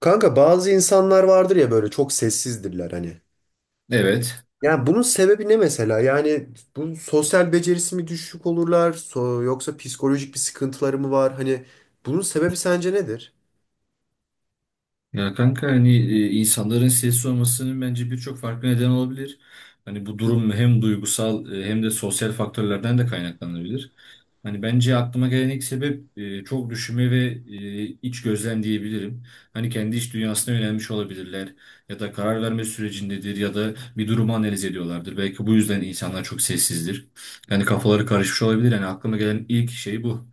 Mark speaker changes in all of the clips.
Speaker 1: Kanka bazı insanlar vardır ya, böyle çok sessizdirler hani.
Speaker 2: Evet.
Speaker 1: Yani bunun sebebi ne mesela? Yani bu sosyal becerisi mi düşük olurlar yoksa psikolojik bir sıkıntıları mı var? Hani bunun sebebi sence nedir?
Speaker 2: Ya kanka hani insanların sessiz olmasının bence birçok farklı neden olabilir. Hani bu durum hem duygusal, hem de sosyal faktörlerden de kaynaklanabilir. Hani bence aklıma gelen ilk sebep çok düşünme ve iç gözlem diyebilirim. Hani kendi iç dünyasına yönelmiş olabilirler ya da karar verme sürecindedir ya da bir durumu analiz ediyorlardır. Belki bu yüzden insanlar çok sessizdir. Yani kafaları karışmış olabilir. Yani aklıma gelen ilk şey bu.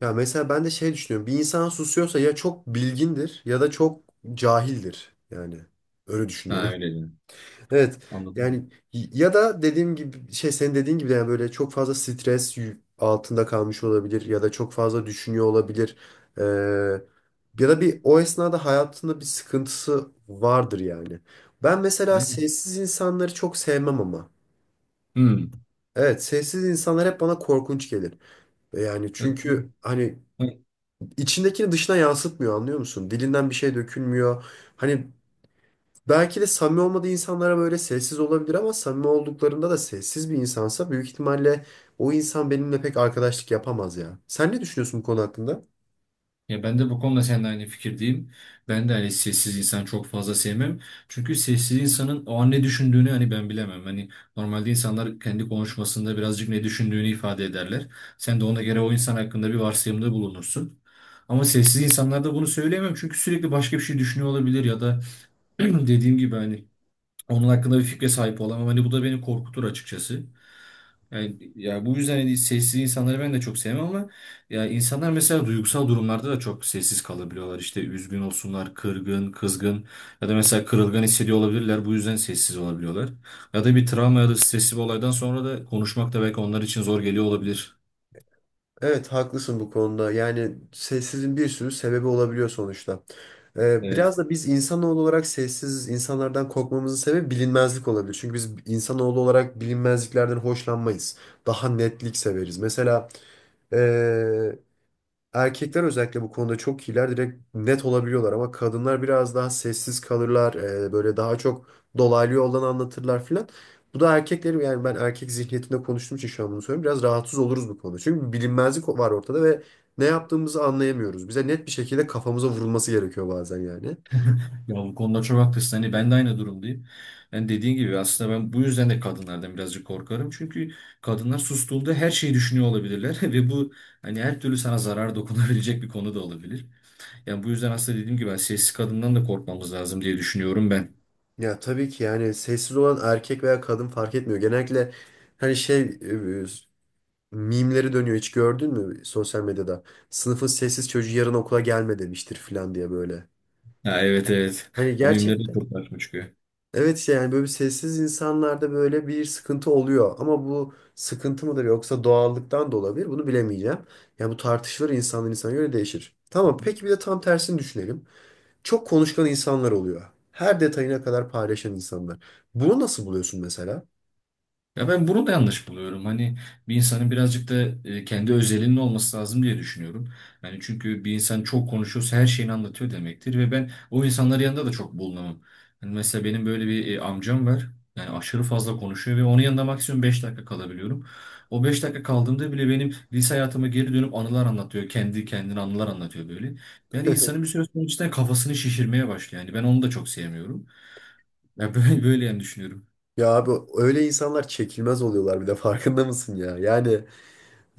Speaker 1: Ya mesela ben de şey düşünüyorum. Bir insan susuyorsa ya çok bilgindir ya da çok cahildir. Yani öyle
Speaker 2: Ha
Speaker 1: düşünüyorum.
Speaker 2: öyle, diyorum.
Speaker 1: Evet, yani
Speaker 2: Anladım.
Speaker 1: ya da dediğim gibi şey, senin dediğin gibi yani böyle çok fazla stres altında kalmış olabilir ya da çok fazla düşünüyor olabilir. Ee, Ya da bir o esnada hayatında bir sıkıntısı vardır yani. Ben mesela
Speaker 2: Aynen.
Speaker 1: sessiz insanları çok sevmem ama.
Speaker 2: Hmm.
Speaker 1: Evet, sessiz insanlar hep bana korkunç gelir. Yani çünkü hani içindekini dışına yansıtmıyor, anlıyor musun? Dilinden bir şey dökülmüyor. Hani, belki de samimi olmadığı insanlara böyle sessiz olabilir, ama samimi olduklarında da sessiz bir insansa büyük ihtimalle o insan benimle pek arkadaşlık yapamaz ya. Sen ne düşünüyorsun bu konu hakkında?
Speaker 2: Ya ben de bu konuda seninle aynı fikirdeyim. Ben de hani sessiz insan çok fazla sevmem. Çünkü sessiz insanın o an ne düşündüğünü hani ben bilemem. Hani normalde insanlar kendi konuşmasında birazcık ne düşündüğünü ifade ederler. Sen de ona göre o insan hakkında bir varsayımda bulunursun. Ama sessiz insanlarda bunu söyleyemem çünkü sürekli başka bir şey düşünüyor olabilir ya da dediğim gibi hani onun hakkında bir fikre sahip olamam. Hani bu da beni korkutur açıkçası. Yani, ya bu yüzden hani sessiz insanları ben de çok sevmem ama ya insanlar mesela duygusal durumlarda da çok sessiz kalabiliyorlar. İşte üzgün olsunlar, kırgın, kızgın ya da mesela kırılgan hissediyor olabilirler. Bu yüzden sessiz olabiliyorlar. Ya da bir travma ya da stresli bir olaydan sonra da konuşmak da belki onlar için zor geliyor olabilir.
Speaker 1: Evet, haklısın bu konuda. Yani sessizliğin bir sürü sebebi olabiliyor sonuçta. Biraz
Speaker 2: Evet.
Speaker 1: da biz insanoğlu olarak sessiz insanlardan korkmamızın sebebi bilinmezlik olabilir. Çünkü biz insanoğlu olarak bilinmezliklerden hoşlanmayız. Daha netlik severiz. Mesela ee, erkekler özellikle bu konuda çok iyiler. Direkt net olabiliyorlar, ama kadınlar biraz daha sessiz kalırlar. Böyle daha çok dolaylı yoldan anlatırlar filan. Bu da erkekleri, yani ben erkek zihniyetinde konuştuğum için şu an bunu söylüyorum, biraz rahatsız oluruz bu konuda. Çünkü bir bilinmezlik var ortada ve ne yaptığımızı anlayamıyoruz. Bize net bir şekilde kafamıza vurulması gerekiyor bazen yani.
Speaker 2: Ya bu konuda çok haklısın. Hani ben de aynı durumdayım. Yani dediğin gibi aslında ben bu yüzden de kadınlardan birazcık korkarım. Çünkü kadınlar sustuğunda her şeyi düşünüyor olabilirler ve bu hani her türlü sana zarar dokunabilecek bir konu da olabilir. Yani bu yüzden aslında dediğim gibi ben sessiz kadından da korkmamız lazım diye düşünüyorum ben.
Speaker 1: Ya tabii ki, yani sessiz olan erkek veya kadın fark etmiyor. Genellikle hani şey, mimleri dönüyor, hiç gördün mü sosyal medyada? Sınıfın sessiz çocuğu yarın okula gelme demiştir falan diye böyle.
Speaker 2: Ha, evet evet.
Speaker 1: Hani
Speaker 2: O mimleri
Speaker 1: gerçekten.
Speaker 2: çok karşıma çıkıyor.
Speaker 1: Evet, işte yani böyle bir, sessiz insanlarda böyle bir sıkıntı oluyor. Ama bu sıkıntı mıdır yoksa doğallıktan da olabilir, bunu bilemeyeceğim. Yani bu tartışılır, insandan insana göre değişir. Tamam, peki bir de tam tersini düşünelim. Çok konuşkan insanlar oluyor. Her detayına kadar paylaşan insanlar. Bunu nasıl buluyorsun mesela?
Speaker 2: Ya ben bunu da yanlış buluyorum. Hani bir insanın birazcık da kendi özelinin olması lazım diye düşünüyorum. Yani çünkü bir insan çok konuşuyorsa her şeyini anlatıyor demektir ve ben o insanların yanında da çok bulunamam. Hani mesela benim böyle bir amcam var. Yani aşırı fazla konuşuyor ve onun yanında maksimum 5 dakika kalabiliyorum. O 5 dakika kaldığımda bile benim lise hayatıma geri dönüp anılar anlatıyor. Kendi kendine anılar anlatıyor böyle. Yani insanın bir süre sonra cidden kafasını şişirmeye başlıyor. Yani ben onu da çok sevmiyorum. Ya böyle, böyle yani düşünüyorum.
Speaker 1: Ya abi, öyle insanlar çekilmez oluyorlar bir de, farkında mısın ya? Yani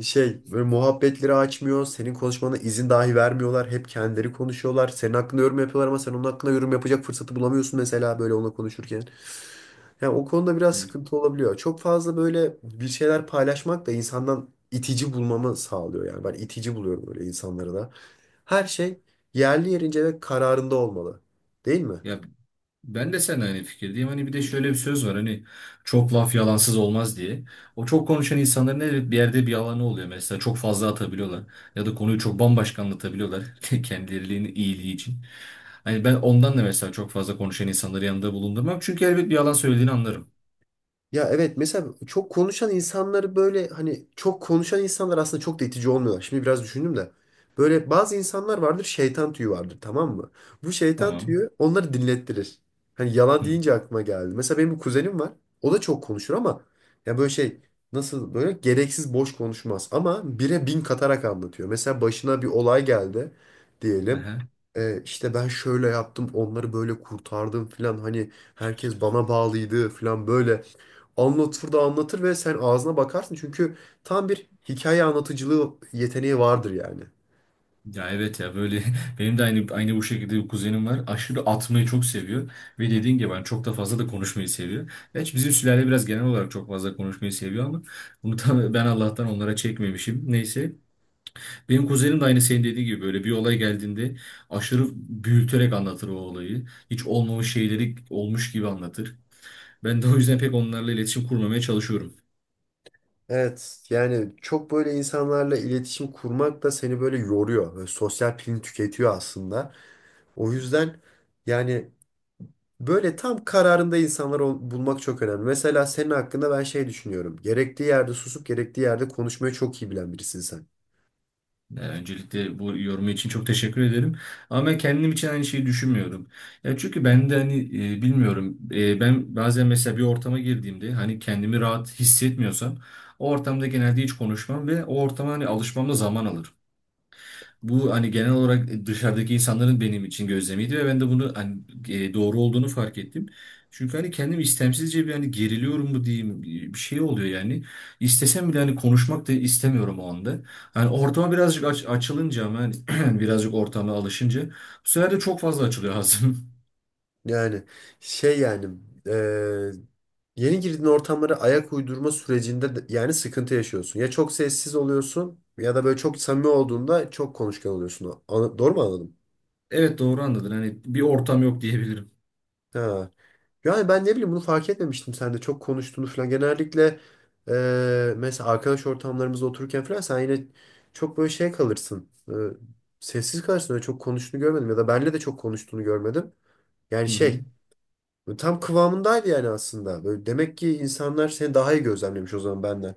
Speaker 1: şey, böyle muhabbetleri açmıyor. Senin konuşmana izin dahi vermiyorlar. Hep kendileri konuşuyorlar. Senin hakkında yorum yapıyorlar, ama sen onun hakkında yorum yapacak fırsatı bulamıyorsun mesela böyle onunla konuşurken. Yani o konuda biraz
Speaker 2: Evet.
Speaker 1: sıkıntı olabiliyor. Çok fazla böyle bir şeyler paylaşmak da insandan itici bulmamı sağlıyor yani. Ben itici buluyorum böyle insanları da. Her şey yerli yerince ve kararında olmalı. Değil mi?
Speaker 2: Ya ben de seninle aynı fikirdeyim. Hani bir de şöyle bir söz var. Hani çok laf yalansız olmaz diye. O çok konuşan insanların evet bir yerde bir yalanı oluyor. Mesela çok fazla atabiliyorlar. Ya da konuyu çok bambaşka anlatabiliyorlar. Kendilerinin iyiliği için. Hani ben ondan da mesela çok fazla konuşan insanları yanında bulundurmam. Çünkü elbet bir yalan söylediğini anlarım.
Speaker 1: Ya evet, mesela çok konuşan insanları böyle hani, çok konuşan insanlar aslında çok da itici olmuyorlar. Şimdi biraz düşündüm de. Böyle bazı insanlar vardır, şeytan tüyü vardır, tamam mı? Bu şeytan
Speaker 2: Tamam.
Speaker 1: tüyü onları dinlettirir. Hani yalan
Speaker 2: Hı.
Speaker 1: deyince aklıma geldi. Mesela benim bir kuzenim var. O da çok konuşur ama, ya böyle şey, nasıl, böyle gereksiz boş konuşmaz. Ama bire bin katarak anlatıyor. Mesela başına bir olay geldi diyelim.
Speaker 2: Aha.
Speaker 1: İşte ben şöyle yaptım, onları böyle kurtardım filan, hani herkes bana bağlıydı filan, böyle anlatır da anlatır ve sen ağzına bakarsın. Çünkü tam bir hikaye anlatıcılığı yeteneği vardır yani.
Speaker 2: Ya evet ya böyle benim de aynı bu şekilde bir kuzenim var. Aşırı atmayı çok seviyor ve dediğin gibi ben çok fazla konuşmayı seviyor. Gerçi bizim sülale biraz genel olarak çok fazla konuşmayı seviyor ama bunu da ben Allah'tan onlara çekmemişim. Neyse. Benim kuzenim de aynı senin dediğin gibi böyle bir olay geldiğinde aşırı büyüterek anlatır o olayı. Hiç olmamış şeyleri olmuş gibi anlatır. Ben de o yüzden pek onlarla iletişim kurmamaya çalışıyorum.
Speaker 1: Evet, yani çok böyle insanlarla iletişim kurmak da seni böyle yoruyor. Böyle sosyal pilini tüketiyor aslında. O yüzden yani böyle tam kararında insanları bulmak çok önemli. Mesela senin hakkında ben şey düşünüyorum. Gerektiği yerde susup gerektiği yerde konuşmayı çok iyi bilen birisin sen.
Speaker 2: Ya, öncelikle bu yorumu için çok teşekkür ederim. Ama ben kendim için aynı şeyi düşünmüyorum. Ya çünkü ben de hani bilmiyorum. Ben bazen mesela bir ortama girdiğimde hani kendimi rahat hissetmiyorsam o ortamda genelde hiç konuşmam ve o ortama hani alışmam da zaman alır. Bu hani genel olarak dışarıdaki insanların benim için gözlemiydi ve ben de bunu hani doğru olduğunu fark ettim. Çünkü hani kendim istemsizce bir hani geriliyorum mu diyeyim, bir şey oluyor yani. İstesem bile hani konuşmak da istemiyorum o anda. Hani ortama birazcık açılınca ama hani birazcık ortama alışınca bu sefer de çok fazla açılıyor ağzım.
Speaker 1: Yani şey, yani eee, yeni girdiğin ortamlara ayak uydurma sürecinde yani sıkıntı yaşıyorsun. Ya çok sessiz oluyorsun ya da böyle çok samimi olduğunda çok konuşkan oluyorsun. Doğru mu anladım?
Speaker 2: Evet doğru anladın. Hani bir ortam yok diyebilirim.
Speaker 1: Ha. Yani ben ne bileyim, bunu fark etmemiştim sen de çok konuştuğunu falan. Genellikle mesela arkadaş ortamlarımızda otururken falan sen yine çok böyle şey kalırsın. Sessiz kalırsın, öyle çok konuştuğunu görmedim ya da benle de çok konuştuğunu görmedim. Yani
Speaker 2: Hı hı.
Speaker 1: şey, böyle tam kıvamındaydı yani aslında. Böyle demek ki insanlar seni daha iyi gözlemlemiş o zaman benden.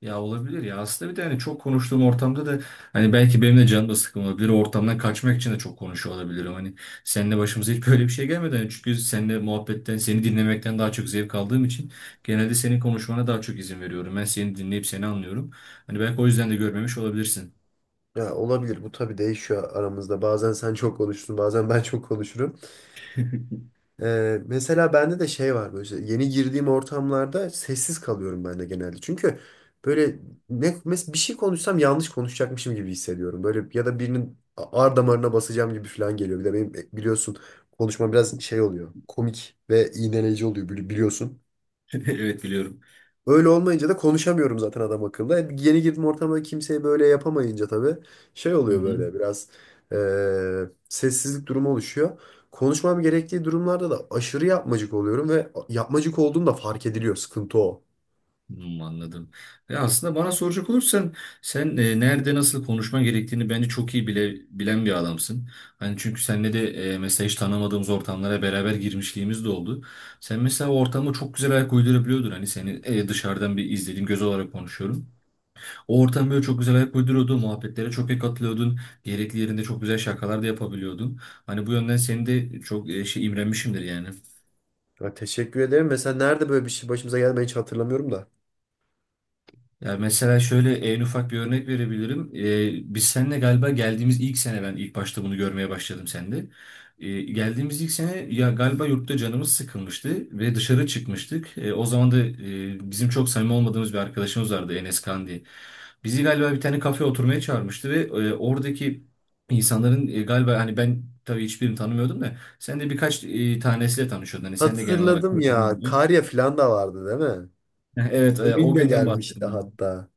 Speaker 2: Ya olabilir ya. Aslında bir de hani çok konuştuğum ortamda da hani belki benim de canım da sıkkın olabilir. O ortamdan kaçmak için de çok konuşuyor olabilirim. Hani seninle başımıza hiç böyle bir şey gelmedi. Hani çünkü seninle muhabbetten, seni dinlemekten daha çok zevk aldığım için genelde senin konuşmana daha çok izin veriyorum. Ben seni dinleyip seni anlıyorum. Hani belki o yüzden de görmemiş olabilirsin.
Speaker 1: Ya olabilir, bu tabii değişiyor aramızda. Bazen sen çok konuşursun, bazen ben çok konuşurum. Mesela bende de şey var, böyle işte yeni girdiğim ortamlarda sessiz kalıyorum ben de genelde. Çünkü böyle bir şey konuşsam yanlış konuşacakmışım gibi hissediyorum. Böyle ya da birinin ar damarına basacağım gibi falan geliyor. Bir de benim biliyorsun, konuşma biraz şey oluyor. Komik ve iğneleyici oluyor, biliyorsun.
Speaker 2: Evet biliyorum.
Speaker 1: Öyle olmayınca da konuşamıyorum zaten adam akıllı. Yeni girdim ortama, kimseye böyle yapamayınca tabii şey
Speaker 2: Hı
Speaker 1: oluyor
Speaker 2: hı.
Speaker 1: böyle biraz e, sessizlik durumu oluşuyor. Konuşmam gerektiği durumlarda da aşırı yapmacık oluyorum ve yapmacık olduğum da fark ediliyor. Sıkıntı o.
Speaker 2: Hmm, anladım. Ve aslında bana soracak olursan sen nerede nasıl konuşman gerektiğini bence çok iyi bile bilen bir adamsın. Hani çünkü seninle de mesela hiç tanımadığımız ortamlara beraber girmişliğimiz de oldu. Sen mesela o ortama çok güzel ayak uydurabiliyordun. Hani seni dışarıdan bir izlediğim göz olarak konuşuyorum. O ortam böyle çok güzel ayak uyduruyordun. Muhabbetlere çok iyi katılıyordun. Gerekli yerinde çok güzel şakalar da yapabiliyordun. Hani bu yönden seni de çok şey imrenmişimdir yani.
Speaker 1: Ya teşekkür ederim. Mesela nerede böyle bir şey başımıza geldi, ben hiç hatırlamıyorum da.
Speaker 2: Ya mesela şöyle en ufak bir örnek verebilirim. Biz seninle galiba geldiğimiz ilk sene ben ilk başta bunu görmeye başladım sende. Geldiğimiz ilk sene ya galiba yurtta canımız sıkılmıştı ve dışarı çıkmıştık. O zaman da bizim çok samimi olmadığımız bir arkadaşımız vardı Enes Kan diye. Bizi galiba bir tane kafeye oturmaya çağırmıştı ve oradaki insanların galiba hani ben tabii hiçbirini tanımıyordum da sen de birkaç tanesiyle tanışıyordun. Hani sen de genel olarak
Speaker 1: Hatırladım ya.
Speaker 2: tanımıyordun.
Speaker 1: Karya falan da vardı değil mi?
Speaker 2: Evet o
Speaker 1: Emin de
Speaker 2: günden
Speaker 1: gelmişti
Speaker 2: bahsediyorum.
Speaker 1: hatta.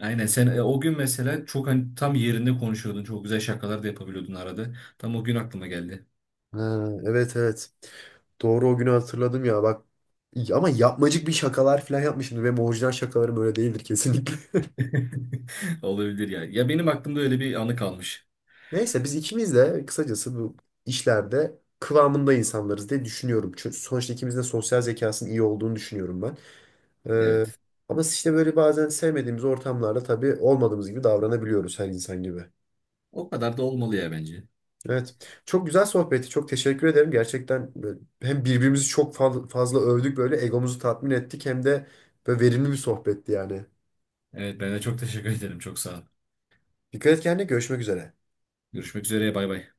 Speaker 2: Aynen sen o gün mesela çok hani tam yerinde konuşuyordun. Çok güzel şakalar da yapabiliyordun arada. Tam o gün aklıma geldi.
Speaker 1: Ha, evet evet. Doğru, o günü hatırladım ya bak. Ama yapmacık bir şakalar falan yapmışımdır. Benim orijinal şakalarım öyle değildir kesinlikle.
Speaker 2: Olabilir ya. Ya benim aklımda öyle bir anı kalmış.
Speaker 1: Neyse, biz ikimiz de kısacası bu işlerde kıvamında insanlarız diye düşünüyorum. Çünkü sonuçta ikimizin de sosyal zekasının iyi olduğunu düşünüyorum ben. Ee,
Speaker 2: Evet.
Speaker 1: Ama işte böyle bazen sevmediğimiz ortamlarda tabii olmadığımız gibi davranabiliyoruz her insan gibi.
Speaker 2: O kadar da olmalı ya bence.
Speaker 1: Evet. Çok güzel sohbetti. Çok teşekkür ederim. Gerçekten böyle hem birbirimizi çok fazla övdük, böyle egomuzu tatmin ettik, hem de böyle verimli bir sohbetti yani.
Speaker 2: Evet ben de çok teşekkür ederim. Çok sağ ol.
Speaker 1: Dikkat et kendine. Görüşmek üzere.
Speaker 2: Görüşmek üzere. Bay bay.